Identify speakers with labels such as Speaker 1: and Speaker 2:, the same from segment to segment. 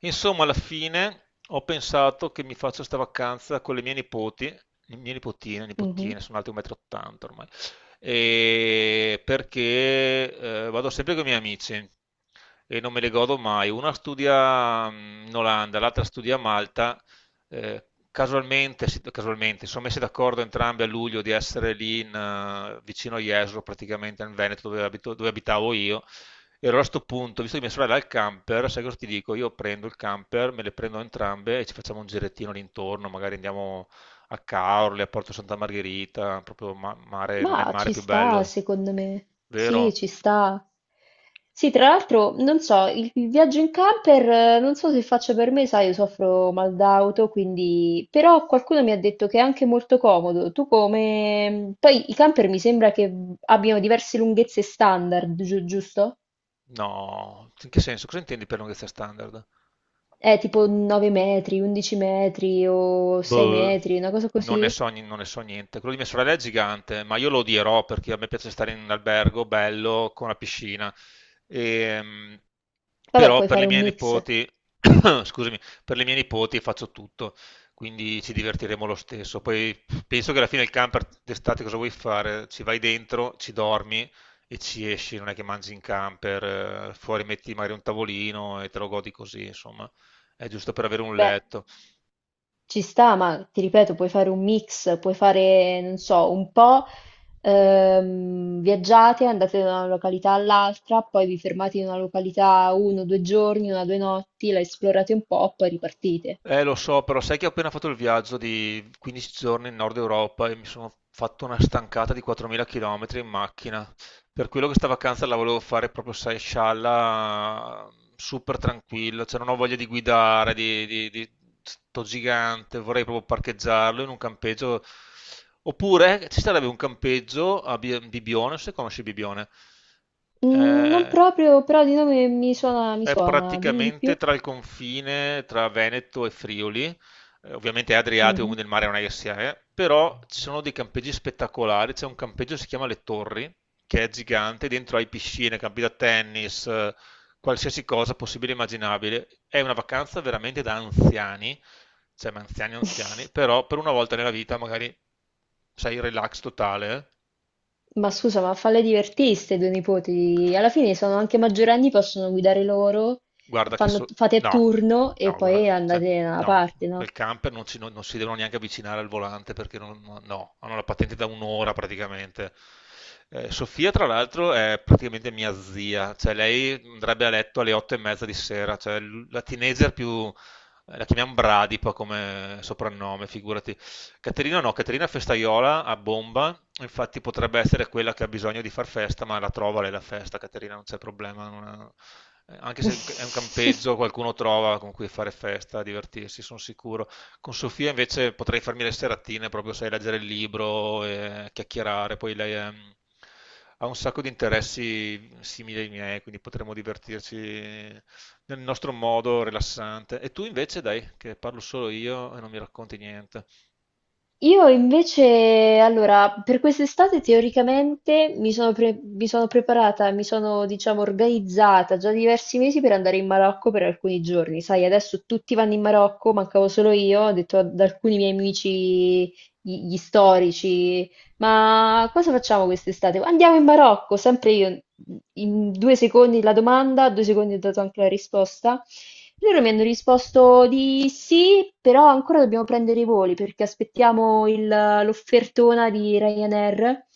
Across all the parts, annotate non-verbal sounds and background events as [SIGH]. Speaker 1: Insomma, alla fine ho pensato che mi faccio sta vacanza con le mie nipoti, le mie nipotine,
Speaker 2: Mhm.
Speaker 1: nipotine, sono alte 1,80 m ormai, e perché vado sempre con i miei amici e non me le godo mai. Una studia in Olanda, l'altra studia a Malta. Casualmente, si casualmente, si sono messi d'accordo entrambi a luglio di essere lì in vicino a Jesolo, praticamente nel Veneto dove dove abitavo io. E allora a sto punto, visto che mia sorella ha il camper, sai cosa ti dico? Io prendo il camper, me le prendo entrambe e ci facciamo un girettino all'intorno, magari andiamo a Caorle, a Porto Santa Margherita, proprio mare, non è il
Speaker 2: Ma
Speaker 1: mare
Speaker 2: ci
Speaker 1: più
Speaker 2: sta,
Speaker 1: bello,
Speaker 2: secondo me. Sì,
Speaker 1: vero?
Speaker 2: ci sta. Sì, tra l'altro, non so, il viaggio in camper, non so se faccia per me, sai, io soffro mal d'auto, quindi... Però qualcuno mi ha detto che è anche molto comodo. Tu come... Poi i camper mi sembra che abbiano diverse lunghezze standard, giusto?
Speaker 1: No, in che senso? Cosa intendi per lunghezza standard?
Speaker 2: Tipo 9 metri, 11 metri o 6
Speaker 1: Boh,
Speaker 2: metri, una cosa
Speaker 1: non ne
Speaker 2: così.
Speaker 1: so, non ne so niente. Quello di mia sorella è gigante, ma io lo odierò perché a me piace stare in un albergo bello con la piscina. Ehm,
Speaker 2: Vabbè,
Speaker 1: Però
Speaker 2: puoi
Speaker 1: per le
Speaker 2: fare un
Speaker 1: mie
Speaker 2: mix.
Speaker 1: nipoti, [COUGHS] scusami, per le mie nipoti faccio tutto, quindi ci divertiremo lo stesso. Poi penso che alla fine il camper d'estate cosa vuoi fare? Ci vai dentro, ci dormi e ci esci, non è che mangi in camper, fuori metti magari un tavolino e te lo godi così, insomma, è giusto per avere un
Speaker 2: Beh.
Speaker 1: letto.
Speaker 2: Ci sta, ma ti ripeto, puoi fare un mix, puoi fare, non so, un po' viaggiate, andate da una località all'altra, poi vi fermate in una località uno, due giorni, una, due notti, la esplorate un po', poi ripartite.
Speaker 1: Lo so, però sai che ho appena fatto il viaggio di 15 giorni in Nord Europa e mi sono fatto una stancata di 4.000 km in macchina. Per quello che sta vacanza la volevo fare proprio, sai, scialla, super tranquilla, cioè non ho voglia di guidare, di sto gigante, vorrei proprio parcheggiarlo in un campeggio. Oppure ci sarebbe un campeggio a Bibione, non so se conosci Bibione.
Speaker 2: Mm, non
Speaker 1: Eh,
Speaker 2: proprio, però di nome mi suona, mi
Speaker 1: è
Speaker 2: suona. Dimmi di più.
Speaker 1: praticamente tra il confine tra Veneto e Friuli, ovviamente è Adriatico,
Speaker 2: Mhm.
Speaker 1: quindi il mare non è che si è, però ci sono dei campeggi spettacolari, c'è un campeggio che si chiama Le Torri, che è gigante, dentro hai piscine, campi da tennis, qualsiasi cosa possibile e immaginabile. È una vacanza veramente da anziani, cioè ma anziani anziani, però per una volta nella vita magari sei relax totale.
Speaker 2: Ma scusa, ma falle divertire ste due nipoti. Alla fine sono anche maggiorenni, possono guidare loro,
Speaker 1: Guarda che so...
Speaker 2: fate a
Speaker 1: No,
Speaker 2: turno e
Speaker 1: no,
Speaker 2: poi
Speaker 1: guarda, cioè,
Speaker 2: andate da una
Speaker 1: no,
Speaker 2: parte, no?
Speaker 1: quel camper non, non si devono neanche avvicinare al volante perché non, no, no, hanno la patente da un'ora praticamente. Sofia, tra l'altro, è praticamente mia zia, cioè lei andrebbe a letto alle 8:30 di sera, cioè la teenager più... La chiamiamo Bradipa come soprannome, figurati. Caterina no, Caterina è festaiola a bomba. Infatti potrebbe essere quella che ha bisogno di far festa, ma la trova lei la festa, Caterina, non c'è problema. Non ha- Anche se è un
Speaker 2: [LAUGHS]
Speaker 1: campeggio, qualcuno trova con cui fare festa, divertirsi, sono sicuro. Con Sofia invece potrei farmi le seratine, proprio sai, leggere il libro e chiacchierare. Ha un sacco di interessi simili ai miei, quindi potremmo divertirci nel nostro modo rilassante. E tu invece, dai, che parlo solo io e non mi racconti niente.
Speaker 2: Io invece, allora, per quest'estate teoricamente mi sono, mi sono preparata, mi sono, diciamo, organizzata già diversi mesi per andare in Marocco per alcuni giorni. Sai, adesso tutti vanno in Marocco, mancavo solo io, ho detto ad alcuni miei amici, gli storici, ma cosa facciamo quest'estate? Andiamo in Marocco, sempre io, in due secondi la domanda, due secondi ho dato anche la risposta. Loro mi hanno risposto di sì, però ancora dobbiamo prendere i voli perché aspettiamo l'offertona di Ryanair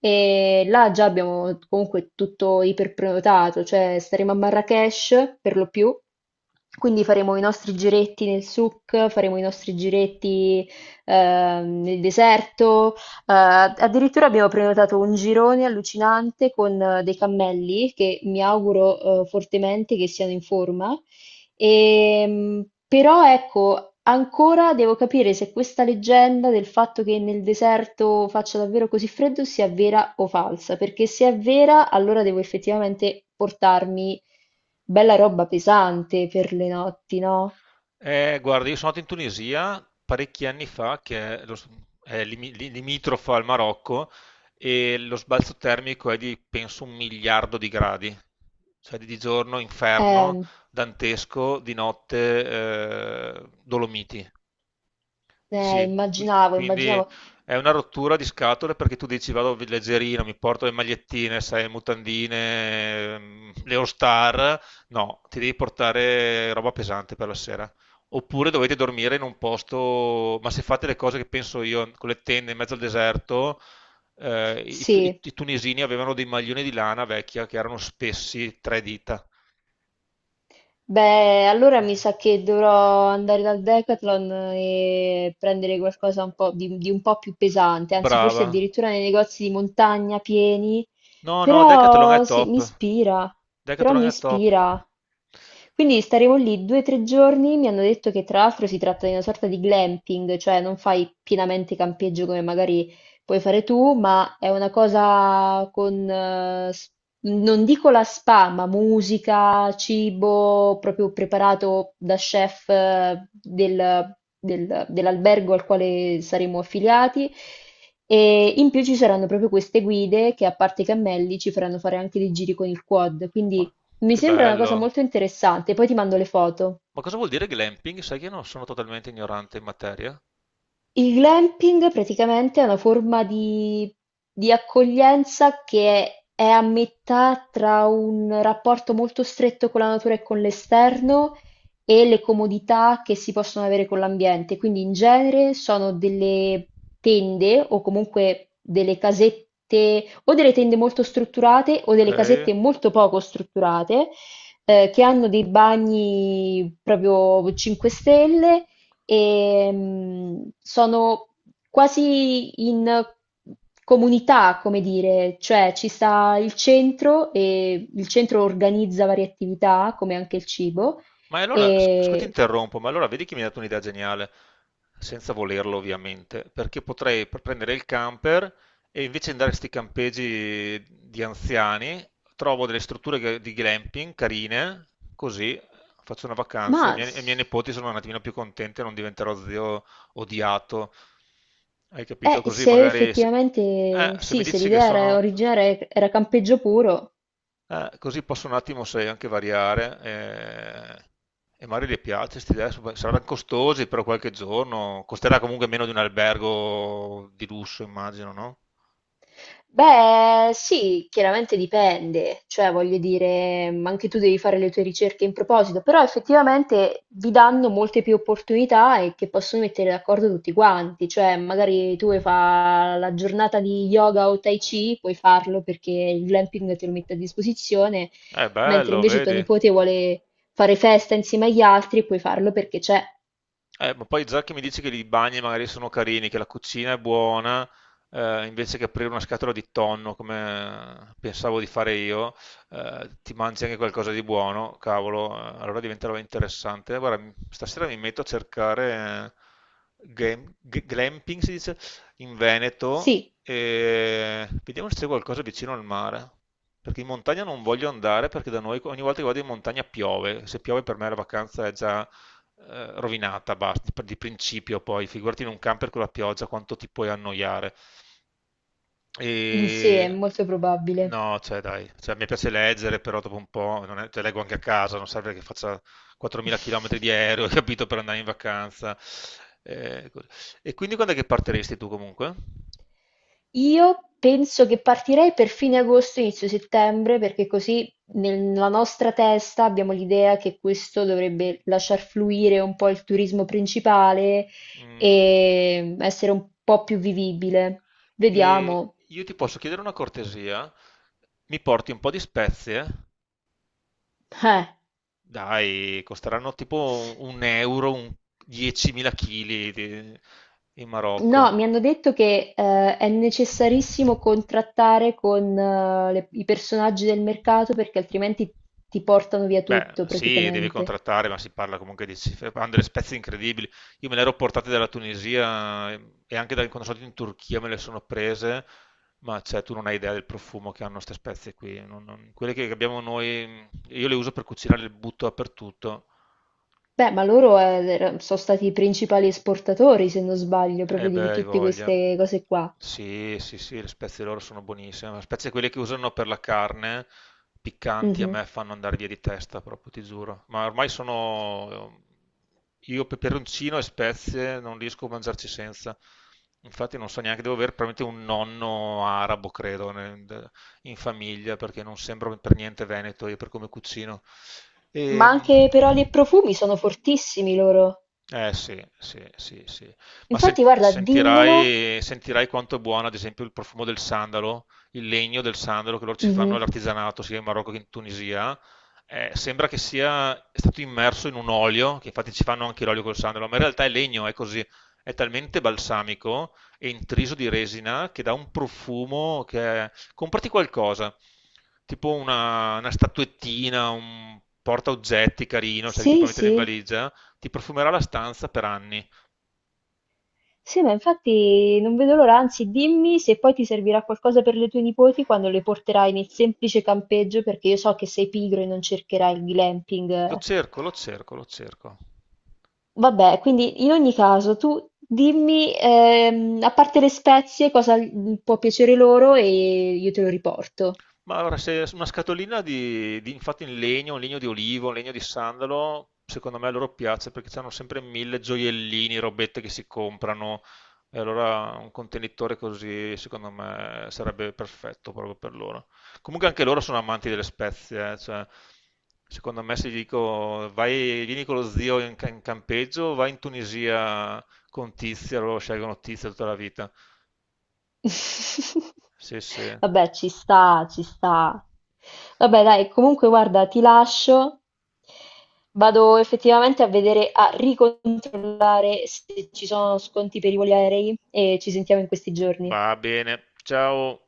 Speaker 2: e là già abbiamo comunque tutto iperprenotato, cioè staremo a Marrakech per lo più, quindi faremo i nostri giretti nel souk, faremo i nostri giretti nel deserto, addirittura abbiamo prenotato un girone allucinante con dei cammelli che mi auguro fortemente che siano in forma. Però ecco, ancora devo capire se questa leggenda del fatto che nel deserto faccia davvero così freddo sia vera o falsa, perché se è vera, allora devo effettivamente portarmi bella roba pesante per le notti, no?
Speaker 1: Guarda, io sono andato in Tunisia parecchi anni fa, che è, è limitrofa al Marocco, e lo sbalzo termico è di, penso, un miliardo di gradi. Cioè di giorno inferno,
Speaker 2: Eh,
Speaker 1: dantesco, di notte Dolomiti. Sì,
Speaker 2: immaginavo,
Speaker 1: quindi
Speaker 2: immaginavo.
Speaker 1: è una rottura di scatole perché tu dici vado leggerino, mi porto le magliettine, sai, mutandine, le All-Star. No, ti devi portare roba pesante per la sera. Oppure dovete dormire in un posto, ma se fate le cose che penso io, con le tende in mezzo al deserto, eh, i, tu- i-
Speaker 2: Sì.
Speaker 1: i tunisini avevano dei maglioni di lana vecchia che erano spessi tre dita.
Speaker 2: Beh, allora mi sa che dovrò andare dal Decathlon e prendere qualcosa un po' di un po' più pesante, anzi forse
Speaker 1: Brava.
Speaker 2: addirittura nei negozi di montagna pieni,
Speaker 1: No, no, Decathlon è
Speaker 2: però sì, mi
Speaker 1: top.
Speaker 2: ispira, però
Speaker 1: Decathlon
Speaker 2: mi
Speaker 1: è top.
Speaker 2: ispira. Quindi staremo lì due o tre giorni, mi hanno detto che tra l'altro si tratta di una sorta di glamping, cioè non fai pienamente campeggio come magari puoi fare tu, ma è una cosa con... non dico la spa, ma musica, cibo proprio preparato da chef dell'albergo al quale saremo affiliati. E in più ci saranno proprio queste guide che, a parte i cammelli, ci faranno fare anche dei giri con il quad.
Speaker 1: Ma
Speaker 2: Quindi mi
Speaker 1: che
Speaker 2: sembra una cosa
Speaker 1: bello!
Speaker 2: molto interessante. Poi ti mando le foto.
Speaker 1: Ma cosa vuol dire glamping? Sai che io non sono totalmente ignorante in materia.
Speaker 2: Il glamping praticamente è una forma di accoglienza che è a metà tra un rapporto molto stretto con la natura e con l'esterno e le comodità che si possono avere con l'ambiente. Quindi in genere sono delle tende o comunque delle casette o delle tende molto strutturate o
Speaker 1: Ok.
Speaker 2: delle casette molto poco strutturate che hanno dei bagni proprio 5 stelle e sono quasi in comunità, come dire, cioè ci sta il centro e il centro organizza varie attività, come anche il cibo,
Speaker 1: Ma e allora, scusa ti
Speaker 2: e,
Speaker 1: interrompo, ma allora vedi che mi hai dato un'idea geniale, senza volerlo ovviamente, perché potrei prendere il camper e invece di andare a questi campeggi di anziani, trovo delle strutture di glamping carine, così faccio una
Speaker 2: ma
Speaker 1: vacanza e i miei,
Speaker 2: s-
Speaker 1: e i miei nipoti sono un attimino più contenti e non diventerò zio odiato. Hai capito? Così
Speaker 2: se
Speaker 1: magari se, eh,
Speaker 2: effettivamente
Speaker 1: se mi
Speaker 2: sì, se
Speaker 1: dici che
Speaker 2: l'idea era
Speaker 1: sono
Speaker 2: originaria era campeggio puro.
Speaker 1: così posso un attimo, sai, anche variare. E magari le piace, questi adesso saranno costosi, però qualche giorno costerà comunque meno di un albergo di lusso, immagino, no?
Speaker 2: Beh, sì, chiaramente dipende, cioè voglio dire, anche tu devi fare le tue ricerche in proposito, però effettivamente vi danno molte più opportunità e che possono mettere d'accordo tutti quanti, cioè magari tu vuoi fare la giornata di yoga o tai chi, puoi farlo perché il glamping te lo mette a disposizione,
Speaker 1: È
Speaker 2: mentre
Speaker 1: bello,
Speaker 2: invece tuo
Speaker 1: vedi?
Speaker 2: nipote vuole fare festa insieme agli altri, puoi farlo perché c'è.
Speaker 1: Ma poi già che mi dici che i bagni magari sono carini, che la cucina è buona, invece che aprire una scatola di tonno come pensavo di fare io, ti mangi anche qualcosa di buono, cavolo, allora diventerà interessante. Guarda, stasera mi metto a cercare glamping, si dice, in Veneto
Speaker 2: Sì,
Speaker 1: e vediamo se c'è qualcosa vicino al mare. Perché in montagna non voglio andare perché da noi ogni volta che vado in montagna piove. Se piove per me la vacanza è già rovinata, basta, di principio poi, figurati in un camper con la pioggia quanto ti puoi annoiare.
Speaker 2: mm, sì, è
Speaker 1: E...
Speaker 2: molto probabile.
Speaker 1: No, cioè dai, cioè, mi piace leggere, però dopo un po', non è- cioè, leggo anche a casa, non serve che faccia 4.000 km di
Speaker 2: [LAUGHS]
Speaker 1: aereo, [LAUGHS] capito, per andare in vacanza. E quindi quando è che partiresti tu comunque?
Speaker 2: Io penso che partirei per fine agosto, inizio settembre, perché così nella nostra testa abbiamo l'idea che questo dovrebbe lasciar fluire un po' il turismo principale
Speaker 1: Mm,
Speaker 2: e essere un po' più vivibile.
Speaker 1: E
Speaker 2: Vediamo.
Speaker 1: io ti posso chiedere una cortesia? Mi porti un po' di spezie?
Speaker 2: Eh.
Speaker 1: Dai, costeranno tipo un euro, un 10.000 kg in Marocco.
Speaker 2: No, mi hanno detto che è necessarissimo contrattare con i personaggi del mercato perché altrimenti ti portano via
Speaker 1: Beh,
Speaker 2: tutto
Speaker 1: sì, devi
Speaker 2: praticamente.
Speaker 1: contrattare, ma si parla comunque di cifre. Hanno delle spezie incredibili. Io me le ero portate dalla Tunisia e anche dal, quando sono andato in Turchia me le sono prese, ma cioè, tu non hai idea del profumo che hanno queste spezie qui. Quelle che abbiamo noi, io le uso per cucinare, le butto dappertutto.
Speaker 2: Beh, ma loro sono stati i principali esportatori, se non sbaglio,
Speaker 1: Eh
Speaker 2: proprio
Speaker 1: beh,
Speaker 2: di
Speaker 1: hai
Speaker 2: tutte
Speaker 1: voglia.
Speaker 2: queste cose qua.
Speaker 1: Sì, sì, sì, le spezie loro sono buonissime. Le spezie quelle che usano per la carne, piccanti, a
Speaker 2: Mhm.
Speaker 1: me fanno andare via di testa, proprio, ti giuro. Ma ormai sono... Io peperoncino e spezie non riesco a mangiarci senza. Infatti non so neanche, devo avere probabilmente un nonno arabo, credo, in famiglia, perché non sembro per niente veneto io per come cucino.
Speaker 2: Ma
Speaker 1: Ehm
Speaker 2: anche per oli e profumi sono fortissimi loro.
Speaker 1: eh sì, sì, sì, sì. Ma
Speaker 2: Infatti, guarda, dimmelo.
Speaker 1: sentirai, sentirai quanto è buono, ad esempio, il profumo del sandalo, il legno del sandalo che loro ci fanno
Speaker 2: Mhm.
Speaker 1: all'artigianato, sia in Marocco che in Tunisia. Sembra che sia è stato immerso in un olio, che infatti ci fanno anche l'olio col sandalo, ma in realtà è legno, è così. È talmente balsamico e intriso di resina che dà un profumo che è... Comprati qualcosa, tipo una statuettina, un portaoggetti carino, sai, che ti
Speaker 2: Sì,
Speaker 1: puoi mettere in
Speaker 2: sì.
Speaker 1: valigia, ti profumerà la stanza per anni.
Speaker 2: Sì, ma infatti non vedo l'ora, anzi dimmi se poi ti servirà qualcosa per le tue nipoti quando le porterai nel semplice campeggio, perché io so che sei pigro e non cercherai il
Speaker 1: Lo
Speaker 2: glamping.
Speaker 1: cerco, lo cerco, lo cerco.
Speaker 2: Vabbè, quindi in ogni caso tu dimmi, a parte le spezie, cosa l- può piacere loro e io te lo riporto.
Speaker 1: Ma allora, se una scatolina infatti in legno, un legno di olivo, un legno di sandalo, secondo me a loro piace perché hanno sempre mille gioiellini, robette che si comprano. E allora un contenitore così, secondo me, sarebbe perfetto proprio per loro. Comunque anche loro sono amanti delle spezie, cioè, secondo me se gli dico vai, vieni con lo zio in, in campeggio, vai in Tunisia con Tizia, loro scelgono Tizia tutta la vita. Sì, sì.
Speaker 2: [LAUGHS] Vabbè, ci sta, ci sta. Vabbè, dai, comunque guarda, ti lascio. Vado effettivamente a vedere, a ricontrollare se ci sono sconti per i voli aerei e ci sentiamo in questi giorni.
Speaker 1: Va bene. Ciao.